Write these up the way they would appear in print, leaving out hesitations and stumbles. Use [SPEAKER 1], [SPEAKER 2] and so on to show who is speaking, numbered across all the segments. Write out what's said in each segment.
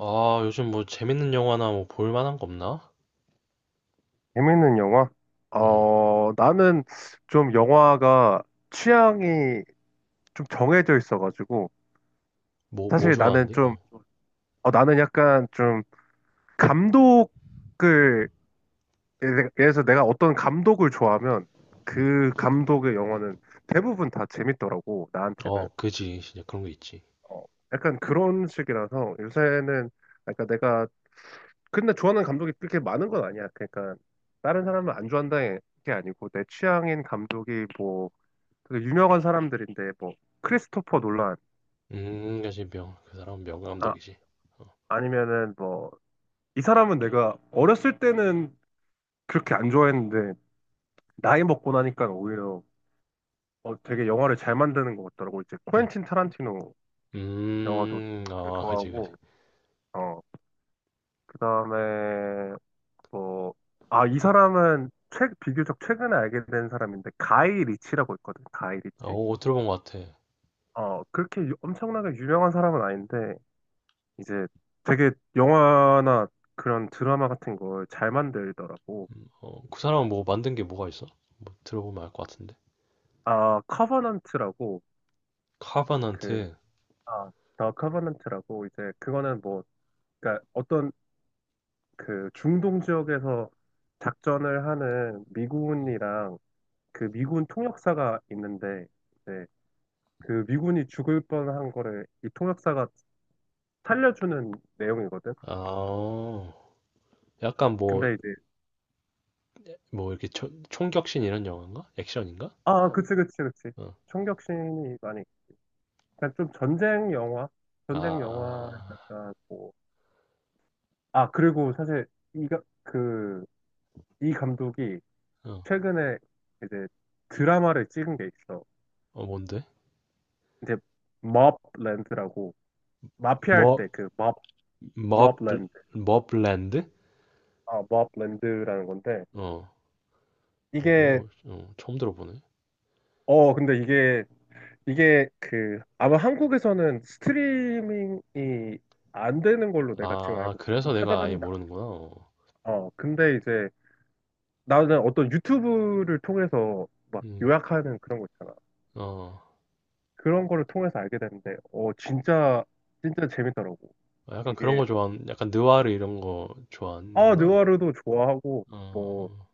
[SPEAKER 1] 아, 요즘 뭐 재밌는 영화나 뭐 볼만한 거 없나?
[SPEAKER 2] 재밌는 영화?
[SPEAKER 1] 음,
[SPEAKER 2] 나는 좀 영화가 취향이 좀 정해져 있어가지고,
[SPEAKER 1] 뭐
[SPEAKER 2] 사실 나는
[SPEAKER 1] 좋아하는데?
[SPEAKER 2] 좀,
[SPEAKER 1] 어,
[SPEAKER 2] 어, 나는 약간 좀 감독을, 예를 들어서 내가 어떤 감독을 좋아하면 그 감독의 영화는 대부분 다 재밌더라고, 나한테는.
[SPEAKER 1] 어, 그지. 진짜 그런 거 있지.
[SPEAKER 2] 어, 약간 그런 식이라서 요새는, 그러니까 내가, 근데 좋아하는 감독이 그렇게 많은 건 아니야. 그러니까 다른 사람을 안 좋아한다는 게 아니고, 내 취향인 감독이 뭐, 되게 유명한 사람들인데 뭐 크리스토퍼 놀란,
[SPEAKER 1] 그지. 명, 그 사람은
[SPEAKER 2] 아
[SPEAKER 1] 명감독이지. 어,
[SPEAKER 2] 아니면은 뭐 이 사람은 내가 어렸을 때는 그렇게 안 좋아했는데 나이 먹고 나니까 오히려 되게 영화를 잘 만드는 것 같더라고. 이제
[SPEAKER 1] 음,
[SPEAKER 2] 코엔틴 타란티노 영화도 되게
[SPEAKER 1] 아, 그지, 그지.
[SPEAKER 2] 좋아하고. 어 그다음에 뭐, 이 사람은 최 비교적 최근에 알게 된 사람인데 가이 리치라고 있거든. 가이
[SPEAKER 1] 아,
[SPEAKER 2] 리치.
[SPEAKER 1] 어, 어, 들어본 것 같아.
[SPEAKER 2] 그렇게 엄청나게 유명한 사람은 아닌데 이제 되게 영화나 그런 드라마 같은 걸 잘 만들더라고.
[SPEAKER 1] 어, 그 사람은 뭐 만든 게 뭐가 있어? 뭐 들어보면 알 것 같은데.
[SPEAKER 2] 아, 커버넌트라고. 그,
[SPEAKER 1] 카바넌트.
[SPEAKER 2] 아, 더 커버넌트라고. 이제 그거는 뭐, 그러니까 어떤, 그 중동 지역에서 작전을 하는 미군이랑 그 미군 통역사가 있는데, 이제 그 미군이 죽을 뻔한 거를 이 통역사가 살려주는 내용이거든.
[SPEAKER 1] 아, 약간 뭐,
[SPEAKER 2] 근데 이제,
[SPEAKER 1] 뭐 이렇게 초- 총격신 이런 영화인가? 액션인가?
[SPEAKER 2] 아, 그치, 그치, 그치.
[SPEAKER 1] 어,
[SPEAKER 2] 총격신이 많이, 그냥 좀 전쟁 영화?
[SPEAKER 1] 아,
[SPEAKER 2] 전쟁 영화
[SPEAKER 1] 아,
[SPEAKER 2] 약간 뭐. 아, 그리고 사실 이가 그, 이 감독이
[SPEAKER 1] 어,
[SPEAKER 2] 최근에 이제 드라마를 찍은 게 있어.
[SPEAKER 1] 어, 뭔데?
[SPEAKER 2] 이제 머블랜드라고, 마피아 할
[SPEAKER 1] 머,
[SPEAKER 2] 때 그
[SPEAKER 1] 머블,
[SPEAKER 2] 머블랜드.
[SPEAKER 1] 머블랜드?
[SPEAKER 2] 아, 머블랜드라는 건데
[SPEAKER 1] 어, 어, 그래?
[SPEAKER 2] 이게,
[SPEAKER 1] 어, 어, 처음 들어보네.
[SPEAKER 2] 근데 이게 그 아마 한국에서는 스트리밍이 안 되는 걸로
[SPEAKER 1] 아,
[SPEAKER 2] 내가 지금
[SPEAKER 1] 아,
[SPEAKER 2] 알고 있거든.
[SPEAKER 1] 그래서 내가 아예
[SPEAKER 2] 찾아봤는데
[SPEAKER 1] 모르는구나. 어.
[SPEAKER 2] 어, 근데 이제 나는 어떤 유튜브를 통해서 막
[SPEAKER 1] 음,
[SPEAKER 2] 요약하는 그런 거 있잖아.
[SPEAKER 1] 어,
[SPEAKER 2] 그런 거를 통해서 알게 됐는데, 진짜, 진짜 재밌더라고.
[SPEAKER 1] 아, 약간 그런
[SPEAKER 2] 이게,
[SPEAKER 1] 거 좋아하는, 약간 느와르 이런 거 좋아하는구나.
[SPEAKER 2] 느와르도 좋아하고, 뭐,
[SPEAKER 1] 어,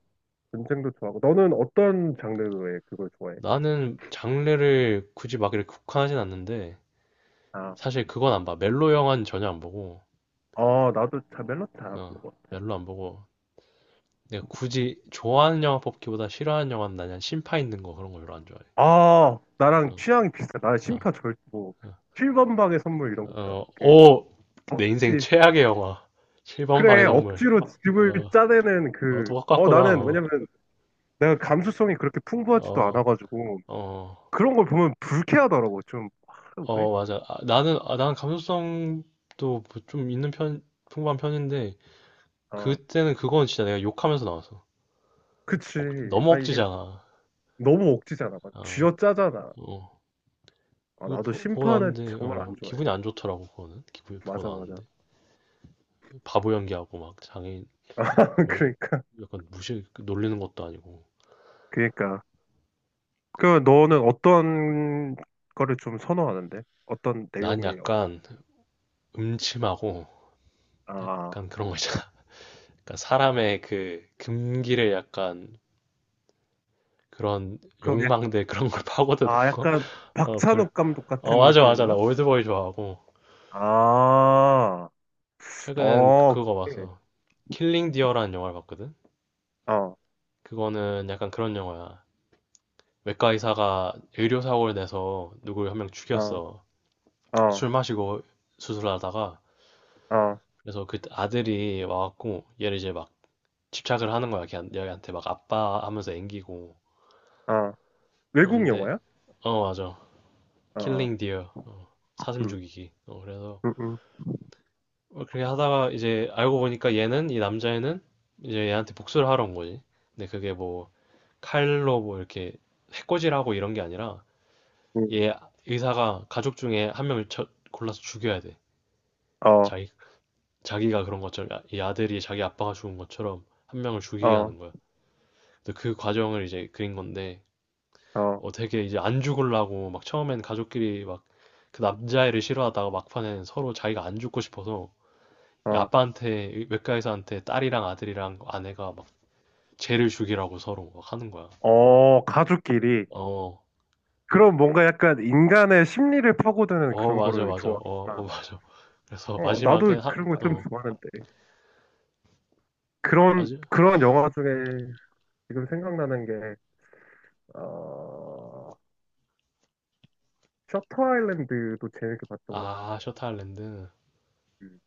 [SPEAKER 2] 전쟁도 좋아하고. 너는 어떤 장르의 그걸 좋아해?
[SPEAKER 1] 나는 장르를 굳이 막 이렇게 국한하진 않는데,
[SPEAKER 2] 아,
[SPEAKER 1] 사실 그건 안 봐. 멜로 영화는 전혀 안 보고,
[SPEAKER 2] 아, 나도 잘 멜로디 잘
[SPEAKER 1] 어,
[SPEAKER 2] 부르는 것 같아.
[SPEAKER 1] 멜로 안 보고, 내가 굳이 좋아하는 영화 뽑기보다 싫어하는 영화는 나는 심파 있는 거 그런 거 별로 안 좋아해.
[SPEAKER 2] 아, 나랑
[SPEAKER 1] 어,
[SPEAKER 2] 취향이 비슷해. 나는
[SPEAKER 1] 어, 어,
[SPEAKER 2] 7번 방의 선물 이런 거 있잖아.
[SPEAKER 1] 어,
[SPEAKER 2] 그,
[SPEAKER 1] 오! 내 인생
[SPEAKER 2] 억지.
[SPEAKER 1] 최악의 영화. 7번 방의
[SPEAKER 2] 그래,
[SPEAKER 1] 동물.
[SPEAKER 2] 억지로 집을
[SPEAKER 1] 어,
[SPEAKER 2] 짜내는
[SPEAKER 1] 어,
[SPEAKER 2] 그, 어,
[SPEAKER 1] 똑같구나.
[SPEAKER 2] 나는,
[SPEAKER 1] 어,
[SPEAKER 2] 왜냐면, 내가 감수성이 그렇게 풍부하지도
[SPEAKER 1] 어,
[SPEAKER 2] 않아가지고,
[SPEAKER 1] 어,
[SPEAKER 2] 그런 걸 보면 불쾌하더라고. 좀, 아, 왜?
[SPEAKER 1] 어, 맞아. 아, 나는, 아, 난 감수성도 뭐좀 있는 편, 풍부한 편인데,
[SPEAKER 2] 아,
[SPEAKER 1] 그때는 그건 진짜 내가 욕하면서 나왔어.
[SPEAKER 2] 그치.
[SPEAKER 1] 억, 너무
[SPEAKER 2] 아, 이게
[SPEAKER 1] 억지잖아.
[SPEAKER 2] 너무 억지잖아. 맞아.
[SPEAKER 1] 어,
[SPEAKER 2] 쥐어짜잖아.
[SPEAKER 1] 어.
[SPEAKER 2] 아,
[SPEAKER 1] 그거
[SPEAKER 2] 나도
[SPEAKER 1] 보, 고
[SPEAKER 2] 심판은
[SPEAKER 1] 나왔는데,
[SPEAKER 2] 정말 안
[SPEAKER 1] 어,
[SPEAKER 2] 좋아해.
[SPEAKER 1] 기분이 안 좋더라고, 그거는. 기분이 보고
[SPEAKER 2] 맞아, 맞아.
[SPEAKER 1] 나왔는데. 바보 연기하고 막 장애인,
[SPEAKER 2] 아,
[SPEAKER 1] 그런
[SPEAKER 2] 그러니까.
[SPEAKER 1] 약간 무시, 놀리는 것도 아니고.
[SPEAKER 2] 그러니까. 그, 너는 어떤 거를 좀 선호하는데? 어떤
[SPEAKER 1] 난
[SPEAKER 2] 내용의 영화를?
[SPEAKER 1] 약간 음침하고,
[SPEAKER 2] 아,
[SPEAKER 1] 약간 그런 거 있잖아. 약간 사람의 그 금기를 약간 그런
[SPEAKER 2] 그럼,
[SPEAKER 1] 욕망들 그런 걸 파고드는
[SPEAKER 2] 아,
[SPEAKER 1] 거?
[SPEAKER 2] 약간
[SPEAKER 1] 어, 그래.
[SPEAKER 2] 박찬욱 감독
[SPEAKER 1] 어,
[SPEAKER 2] 같은
[SPEAKER 1] 맞아, 맞아. 나
[SPEAKER 2] 느낌인가?
[SPEAKER 1] 올드보이 좋아하고.
[SPEAKER 2] 아,
[SPEAKER 1] 최근엔 그-
[SPEAKER 2] 어,
[SPEAKER 1] 그거
[SPEAKER 2] 그래.
[SPEAKER 1] 봤어. 킬링 디어라는 영화를 봤거든?
[SPEAKER 2] 어,
[SPEAKER 1] 그거는 약간 그런 영화야. 외과 의사가 의료사고를 내서 누구를 한 명
[SPEAKER 2] 어,
[SPEAKER 1] 죽였어.
[SPEAKER 2] 어,
[SPEAKER 1] 술 마시고 수술하다가.
[SPEAKER 2] 어,
[SPEAKER 1] 그래서 그 아들이 와갖고 얘를 이제 막 집착을 하는 거야. 걔한- 얘한테 막 아빠 하면서 앵기고.
[SPEAKER 2] 어. 외국
[SPEAKER 1] 그런데,
[SPEAKER 2] 영화야?
[SPEAKER 1] 어, 맞아.
[SPEAKER 2] 어, 어.
[SPEAKER 1] 킬링 디어. 어, 사슴
[SPEAKER 2] 응,
[SPEAKER 1] 죽이기. 어, 그래서
[SPEAKER 2] 응,
[SPEAKER 1] 어, 그렇게 하다가 이제 알고 보니까 얘는 이 남자애는 이제 얘한테 복수를 하러 온 거지. 근데 그게 뭐 칼로 뭐 이렇게 해코지하고 이런 게 아니라
[SPEAKER 2] 응.
[SPEAKER 1] 얘 의사가 가족 중에 한 명을 쳐- 골라서 죽여야 돼.
[SPEAKER 2] 어,
[SPEAKER 1] 자기 자기가 그런 것처럼 아- 이 아들이 자기 아빠가 죽은 것처럼 한 명을 죽이게
[SPEAKER 2] 어,
[SPEAKER 1] 하는 거야. 근데 그 과정을 이제 그린 건데
[SPEAKER 2] 어,
[SPEAKER 1] 어 되게 이제 안 죽으려고 막 처음엔 가족끼리 막 그 남자애를 싫어하다가 막판에는 서로 자기가 안 죽고 싶어서 이
[SPEAKER 2] 어,
[SPEAKER 1] 아빠한테 외과 의사한테 딸이랑 아들이랑 아내가 막 죄를 죽이라고 서로 막 하는 거야.
[SPEAKER 2] 어, 가족끼리.
[SPEAKER 1] 어,
[SPEAKER 2] 그럼 뭔가 약간 인간의 심리를 파고드는
[SPEAKER 1] 어,
[SPEAKER 2] 그런
[SPEAKER 1] 맞아,
[SPEAKER 2] 거를
[SPEAKER 1] 맞아, 어, 어,
[SPEAKER 2] 좋아하구나.
[SPEAKER 1] 맞아. 그래서
[SPEAKER 2] 어, 나도
[SPEAKER 1] 마지막엔 하,
[SPEAKER 2] 그런 거 좀
[SPEAKER 1] 어,
[SPEAKER 2] 좋아하는데. 그런,
[SPEAKER 1] 맞아?
[SPEAKER 2] 그런 영화 중에 지금 생각나는 게, 어, 셔터 아일랜드도 재밌게 봤던 것
[SPEAKER 1] 아,
[SPEAKER 2] 같은데.
[SPEAKER 1] 셔터 아일랜드.
[SPEAKER 2] 음.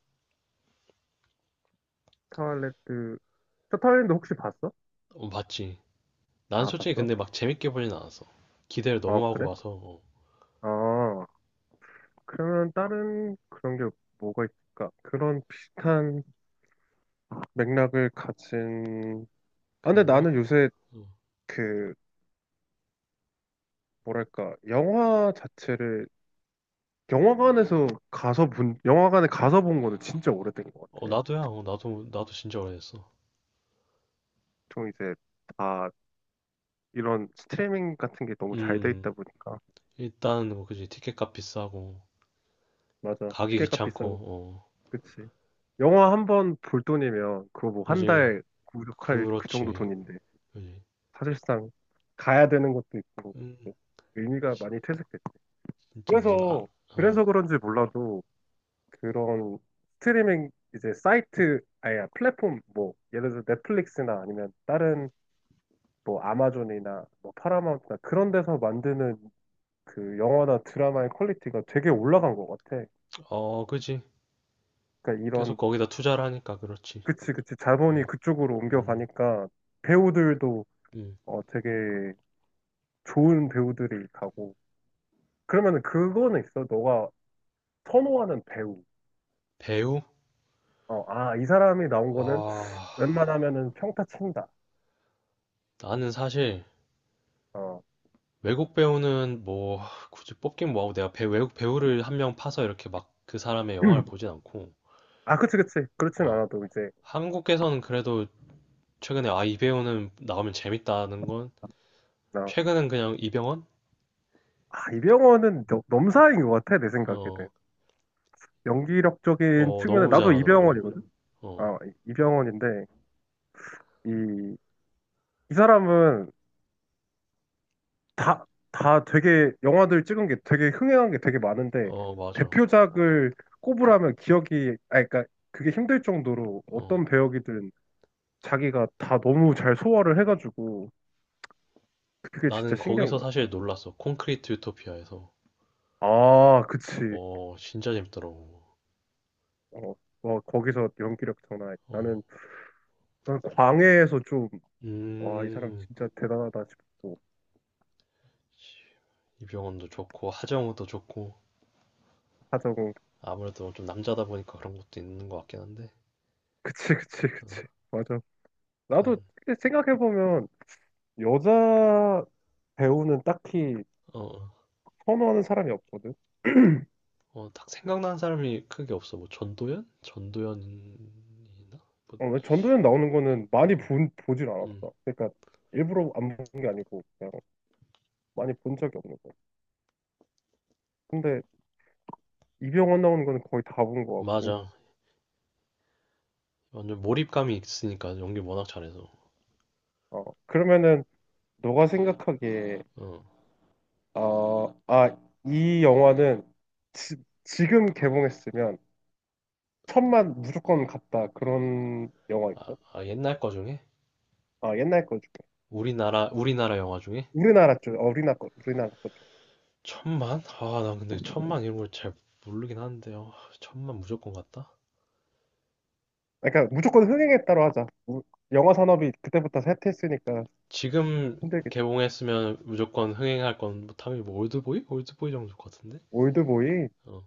[SPEAKER 2] 셔터 아일랜드, 셔터 아일랜드 혹시 봤어?
[SPEAKER 1] 어, 맞지. 난
[SPEAKER 2] 아,
[SPEAKER 1] 솔직히
[SPEAKER 2] 봤어?
[SPEAKER 1] 근데 막 재밌게 보진 않았어. 기대를
[SPEAKER 2] 어,
[SPEAKER 1] 너무 하고
[SPEAKER 2] 그래?
[SPEAKER 1] 봐서, 어,
[SPEAKER 2] 어, 그러면 다른 그런 게 뭐가 있을까? 그런 비슷한 맥락을 가진. 아, 근데
[SPEAKER 1] 그런 거?
[SPEAKER 2] 나는 요새
[SPEAKER 1] 어,
[SPEAKER 2] 그, 뭐랄까, 영화 자체를, 영화관에 가서 본 거는 진짜 오래된 것
[SPEAKER 1] 어,
[SPEAKER 2] 같아.
[SPEAKER 1] 나도야, 어, 나도, 나도 진짜 오래됐어.
[SPEAKER 2] 좀 이제 다 이런 스트리밍 같은 게 너무 잘 돼 있다
[SPEAKER 1] 음,
[SPEAKER 2] 보니까.
[SPEAKER 1] 일단, 뭐, 그지. 티켓값 비싸고,
[SPEAKER 2] 맞아,
[SPEAKER 1] 가기
[SPEAKER 2] 티켓값
[SPEAKER 1] 귀찮고,
[SPEAKER 2] 비싸고.
[SPEAKER 1] 어,
[SPEAKER 2] 그치. 영화 한 번 볼 돈이면 그거 뭐 한
[SPEAKER 1] 그지.
[SPEAKER 2] 달 구독할 그 정도
[SPEAKER 1] 그렇지.
[SPEAKER 2] 돈인데,
[SPEAKER 1] 그지.
[SPEAKER 2] 사실상 가야 되는 것도 있고,
[SPEAKER 1] 음,
[SPEAKER 2] 뭐 의미가 많이 퇴색됐고,
[SPEAKER 1] 진짜 무슨, 아,
[SPEAKER 2] 그래서
[SPEAKER 1] 어,
[SPEAKER 2] 그래서 그런지 몰라도 그런 스트리밍 이제 사이트 아니 플랫폼, 뭐 예를 들어 넷플릭스나 아니면 다른 뭐 아마존이나 뭐 파라마운트나 그런 데서 만드는 그 영화나 드라마의 퀄리티가 되게 올라간 것 같아.
[SPEAKER 1] 어, 그지.
[SPEAKER 2] 그러니까
[SPEAKER 1] 계속
[SPEAKER 2] 이런,
[SPEAKER 1] 거기다 투자를 하니까 그렇지.
[SPEAKER 2] 그치, 그치, 자본이
[SPEAKER 1] 어.
[SPEAKER 2] 그쪽으로
[SPEAKER 1] 음,
[SPEAKER 2] 옮겨가니까 배우들도
[SPEAKER 1] 음.
[SPEAKER 2] 되게 좋은 배우들이 가고. 그러면은 그거는 있어? 너가 선호하는 배우.
[SPEAKER 1] 배우?
[SPEAKER 2] 어, 아, 이 사람이 나온 거는
[SPEAKER 1] 아,
[SPEAKER 2] 웬만하면은 평타 친다.
[SPEAKER 1] 나는 사실
[SPEAKER 2] 어.
[SPEAKER 1] 외국 배우는 뭐 굳이 뽑긴 뭐하고 내가 배, 외국 배우를 한 명 파서 이렇게 막 그 사람의 영화를 보진 않고,
[SPEAKER 2] 아, 그치, 그치. 그렇진
[SPEAKER 1] 어,
[SPEAKER 2] 않아도 이제,
[SPEAKER 1] 한국에서는 그래도 최근에 아, 이 배우는 나오면 재밌다는 건
[SPEAKER 2] 나,
[SPEAKER 1] 최근엔 그냥 이병헌?
[SPEAKER 2] 아, 이병헌은 넘사인 것 같아, 내 생각에는.
[SPEAKER 1] 어,
[SPEAKER 2] 연기력적인
[SPEAKER 1] 어,
[SPEAKER 2] 측면에,
[SPEAKER 1] 너무
[SPEAKER 2] 나도
[SPEAKER 1] 잘하더라고.
[SPEAKER 2] 이병헌이거든?
[SPEAKER 1] 어,
[SPEAKER 2] 아, 이병헌인데, 이, 이 사람은 다, 다 되게, 영화들 찍은 게 되게 흥행한 게 되게 많은데,
[SPEAKER 1] 어, 맞아.
[SPEAKER 2] 대표작을 꼽으라면 기억이, 아, 그러니까 그게 힘들 정도로 어떤
[SPEAKER 1] 어,
[SPEAKER 2] 배역이든 자기가 다 너무 잘 소화를 해가지고, 그게 진짜
[SPEAKER 1] 나는
[SPEAKER 2] 신기한
[SPEAKER 1] 거기서
[SPEAKER 2] 거야.
[SPEAKER 1] 사실 놀랐어. 콘크리트 유토피아에서.
[SPEAKER 2] 아, 그치.
[SPEAKER 1] 어, 진짜 재밌더라고.
[SPEAKER 2] 어, 어, 거기서 연기력 장난 아니야.
[SPEAKER 1] 어,
[SPEAKER 2] 나는 난 광해에서 좀, 와, 이 사람
[SPEAKER 1] 음.
[SPEAKER 2] 진짜 대단하다 싶고,
[SPEAKER 1] 이병헌도 좋고 하정우도 좋고
[SPEAKER 2] 하자고.
[SPEAKER 1] 아무래도 좀 남자다 보니까 그런 것도 있는 것 같긴 한데
[SPEAKER 2] 그치, 그치,
[SPEAKER 1] 어,
[SPEAKER 2] 그치. 맞아.
[SPEAKER 1] 약간
[SPEAKER 2] 나도 생각해보면, 여자 배우는 딱히
[SPEAKER 1] 어, 어,
[SPEAKER 2] 선호하는 사람이 없거든.
[SPEAKER 1] 어, 딱 생각나는 사람이 크게 없어 뭐 전도연? 전도연 뭐,
[SPEAKER 2] 어, 왜 전도연 나오는 거는
[SPEAKER 1] 어,
[SPEAKER 2] 보질
[SPEAKER 1] 음
[SPEAKER 2] 않았어. 그러니까, 일부러 안 본 게 아니고, 그냥 많이 본 적이 없는 거야. 근데, 이병헌 나오는 거는 거의 다 본 것 같고.
[SPEAKER 1] 맞아 완전 몰입감이 있으니까 연기 워낙 잘해서
[SPEAKER 2] 어, 그러면은, 너가 생각하기에,
[SPEAKER 1] 어,
[SPEAKER 2] 어, 아, 이 영화는 지, 지금 개봉했으면, 천만 무조건 갔다, 그런 영화 있어?
[SPEAKER 1] 아 옛날 거 중에
[SPEAKER 2] 아, 옛날 거 중에.
[SPEAKER 1] 우리나라 영화 중에
[SPEAKER 2] 우리나라 쪽, 어, 우리나라 거, 우리나라 거 쪽.
[SPEAKER 1] 천만? 아 난 근데 천만 이런 걸 잘 모르긴 하는데 요 천만 무조건 같다
[SPEAKER 2] 아, 그러니까 무조건 흥행했다로 하자. 영화 산업이 그때부터 쇠퇴했으니까
[SPEAKER 1] 지금
[SPEAKER 2] 힘들겠지.
[SPEAKER 1] 개봉했으면 무조건 흥행할 건뭐 당연히 뭐 올드보이? 올드보이 정도 같은데?
[SPEAKER 2] 올드보이.
[SPEAKER 1] 어,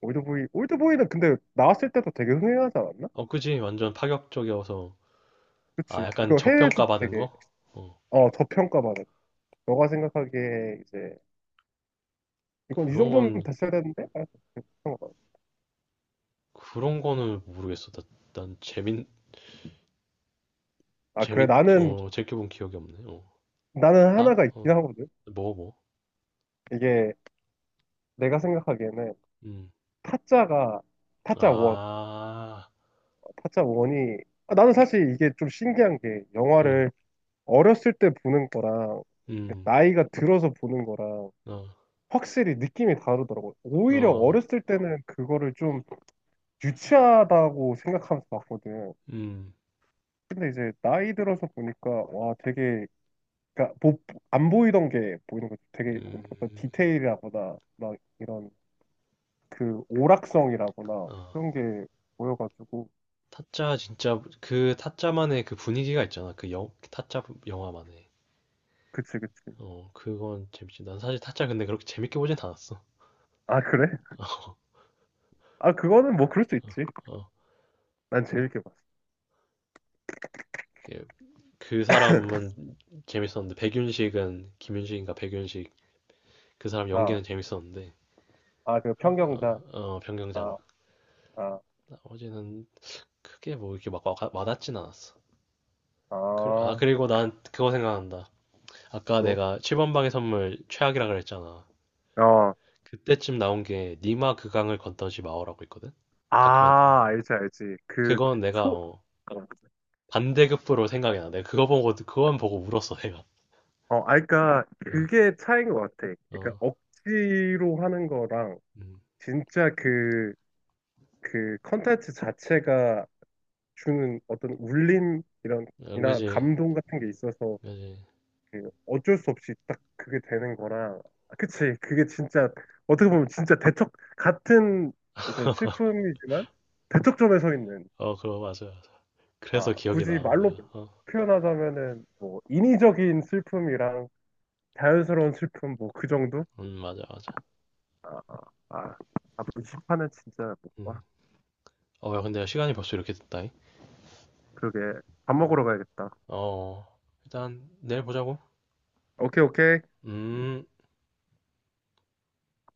[SPEAKER 2] 올드보이, 올드보이는 근데 나왔을 때도 되게 흥행하지 않았나?
[SPEAKER 1] 어, 그지. 완전 파격적이어서. 아,
[SPEAKER 2] 그치.
[SPEAKER 1] 약간
[SPEAKER 2] 이거
[SPEAKER 1] 저평가
[SPEAKER 2] 해외에서도
[SPEAKER 1] 받은
[SPEAKER 2] 되게,
[SPEAKER 1] 거? 어,
[SPEAKER 2] 어, 저평가받았. 너가 생각하기에 이제 이건 이
[SPEAKER 1] 그런
[SPEAKER 2] 정도는
[SPEAKER 1] 건,
[SPEAKER 2] 됐어야 되는데? 아, 저평가받았어.
[SPEAKER 1] 그런 거는 모르겠어. 나, 난 재밌,
[SPEAKER 2] 아, 그래. 나는
[SPEAKER 1] 어, 재껴본 기억이 없네. 어,
[SPEAKER 2] 나는
[SPEAKER 1] 다,
[SPEAKER 2] 하나가 있긴
[SPEAKER 1] 어,
[SPEAKER 2] 하거든.
[SPEAKER 1] 뭐, 뭐.
[SPEAKER 2] 이게 내가 생각하기에는
[SPEAKER 1] 음,
[SPEAKER 2] 타짜가, 타짜 1
[SPEAKER 1] 아,
[SPEAKER 2] 타짜 원이, 아, 나는 사실 이게 좀 신기한 게,
[SPEAKER 1] 음,
[SPEAKER 2] 영화를 어렸을 때 보는 거랑 그
[SPEAKER 1] 음,
[SPEAKER 2] 나이가 들어서 보는 거랑
[SPEAKER 1] 어,
[SPEAKER 2] 확실히 느낌이 다르더라고. 오히려
[SPEAKER 1] 어,
[SPEAKER 2] 어렸을 때는 그거를 좀 유치하다고 생각하면서 봤거든.
[SPEAKER 1] 음,
[SPEAKER 2] 근데 이제 나이 들어서 보니까 와 되게, 그러니까 안 보이던 게 보이는 거지. 되게 어떤
[SPEAKER 1] 음,
[SPEAKER 2] 디테일이라거나 막 이런, 그 오락성이라거나
[SPEAKER 1] 어.
[SPEAKER 2] 그런 게 보여가지고.
[SPEAKER 1] 타짜, 진짜, 그 타짜만의 그 분위기가 있잖아. 그 영, 타짜 영화만의.
[SPEAKER 2] 그치, 그치.
[SPEAKER 1] 어, 그건 재밌지. 난 사실 타짜 근데 그렇게 재밌게 보진 않았어.
[SPEAKER 2] 아, 그래? 아, 그거는 뭐 그럴 수 있지.
[SPEAKER 1] 어.
[SPEAKER 2] 난 재밌게 봐.
[SPEAKER 1] 그 사람은 재밌었는데 백윤식은 김윤식인가 백윤식 그 사람
[SPEAKER 2] 아,
[SPEAKER 1] 연기는 재밌었는데
[SPEAKER 2] 아, 그 평경자.
[SPEAKER 1] 어, 어, 변경장
[SPEAKER 2] 아, 아,
[SPEAKER 1] 나머지는 크게 뭐 이렇게 막 와, 와닿진 않았어. 그, 아
[SPEAKER 2] 아,
[SPEAKER 1] 그리고 난 그거 생각난다. 아까
[SPEAKER 2] 뭐?
[SPEAKER 1] 내가 7번 방의 선물 최악이라 그랬잖아.
[SPEAKER 2] 어,
[SPEAKER 1] 그때쯤 나온 게 니마 그강을 건너지 마오라고 있거든. 다큐멘터리.
[SPEAKER 2] 아, 알지, 알지.
[SPEAKER 1] 그건 내가
[SPEAKER 2] 소,
[SPEAKER 1] 어,
[SPEAKER 2] 어,
[SPEAKER 1] 반대급부로 생각이 나. 내가 그거 보고 그건 보고 울었어 내가.
[SPEAKER 2] 어, 아, 그니까,
[SPEAKER 1] 어,
[SPEAKER 2] 그게 차이인 것 같아. 그니까,
[SPEAKER 1] 어,
[SPEAKER 2] 억지로 하는 거랑,
[SPEAKER 1] 음,
[SPEAKER 2] 진짜 그, 그 컨텐츠 자체가 주는 어떤 울림, 이런,
[SPEAKER 1] 응,
[SPEAKER 2] 이나
[SPEAKER 1] 그지,
[SPEAKER 2] 감동 같은 게 있어서,
[SPEAKER 1] 그지.
[SPEAKER 2] 그 어쩔 수 없이 딱 그게 되는 거라. 아, 그치, 그게 진짜 어떻게 보면 진짜 대척 같은, 이제 슬픔이지만 대척점에 서 있는.
[SPEAKER 1] 어, 그거 맞아.
[SPEAKER 2] 아
[SPEAKER 1] 그래서 기억이 나,
[SPEAKER 2] 굳이
[SPEAKER 1] 어,
[SPEAKER 2] 말로
[SPEAKER 1] 내가. 어.
[SPEAKER 2] 표현하자면은 뭐 인위적인 슬픔이랑 자연스러운 슬픔, 뭐 그 정도.
[SPEAKER 1] 맞아, 맞아.
[SPEAKER 2] 아, 아, 아, 앞 시판은 진짜 못 봐.
[SPEAKER 1] 음. 어, 야, 근데 시간이 벌써 이렇게 됐다잉.
[SPEAKER 2] 그러게. 밥
[SPEAKER 1] 어,
[SPEAKER 2] 먹으러 가야겠다.
[SPEAKER 1] 어, 어. 일단 내일 보자고.
[SPEAKER 2] 오케이, 오케이.
[SPEAKER 1] 음.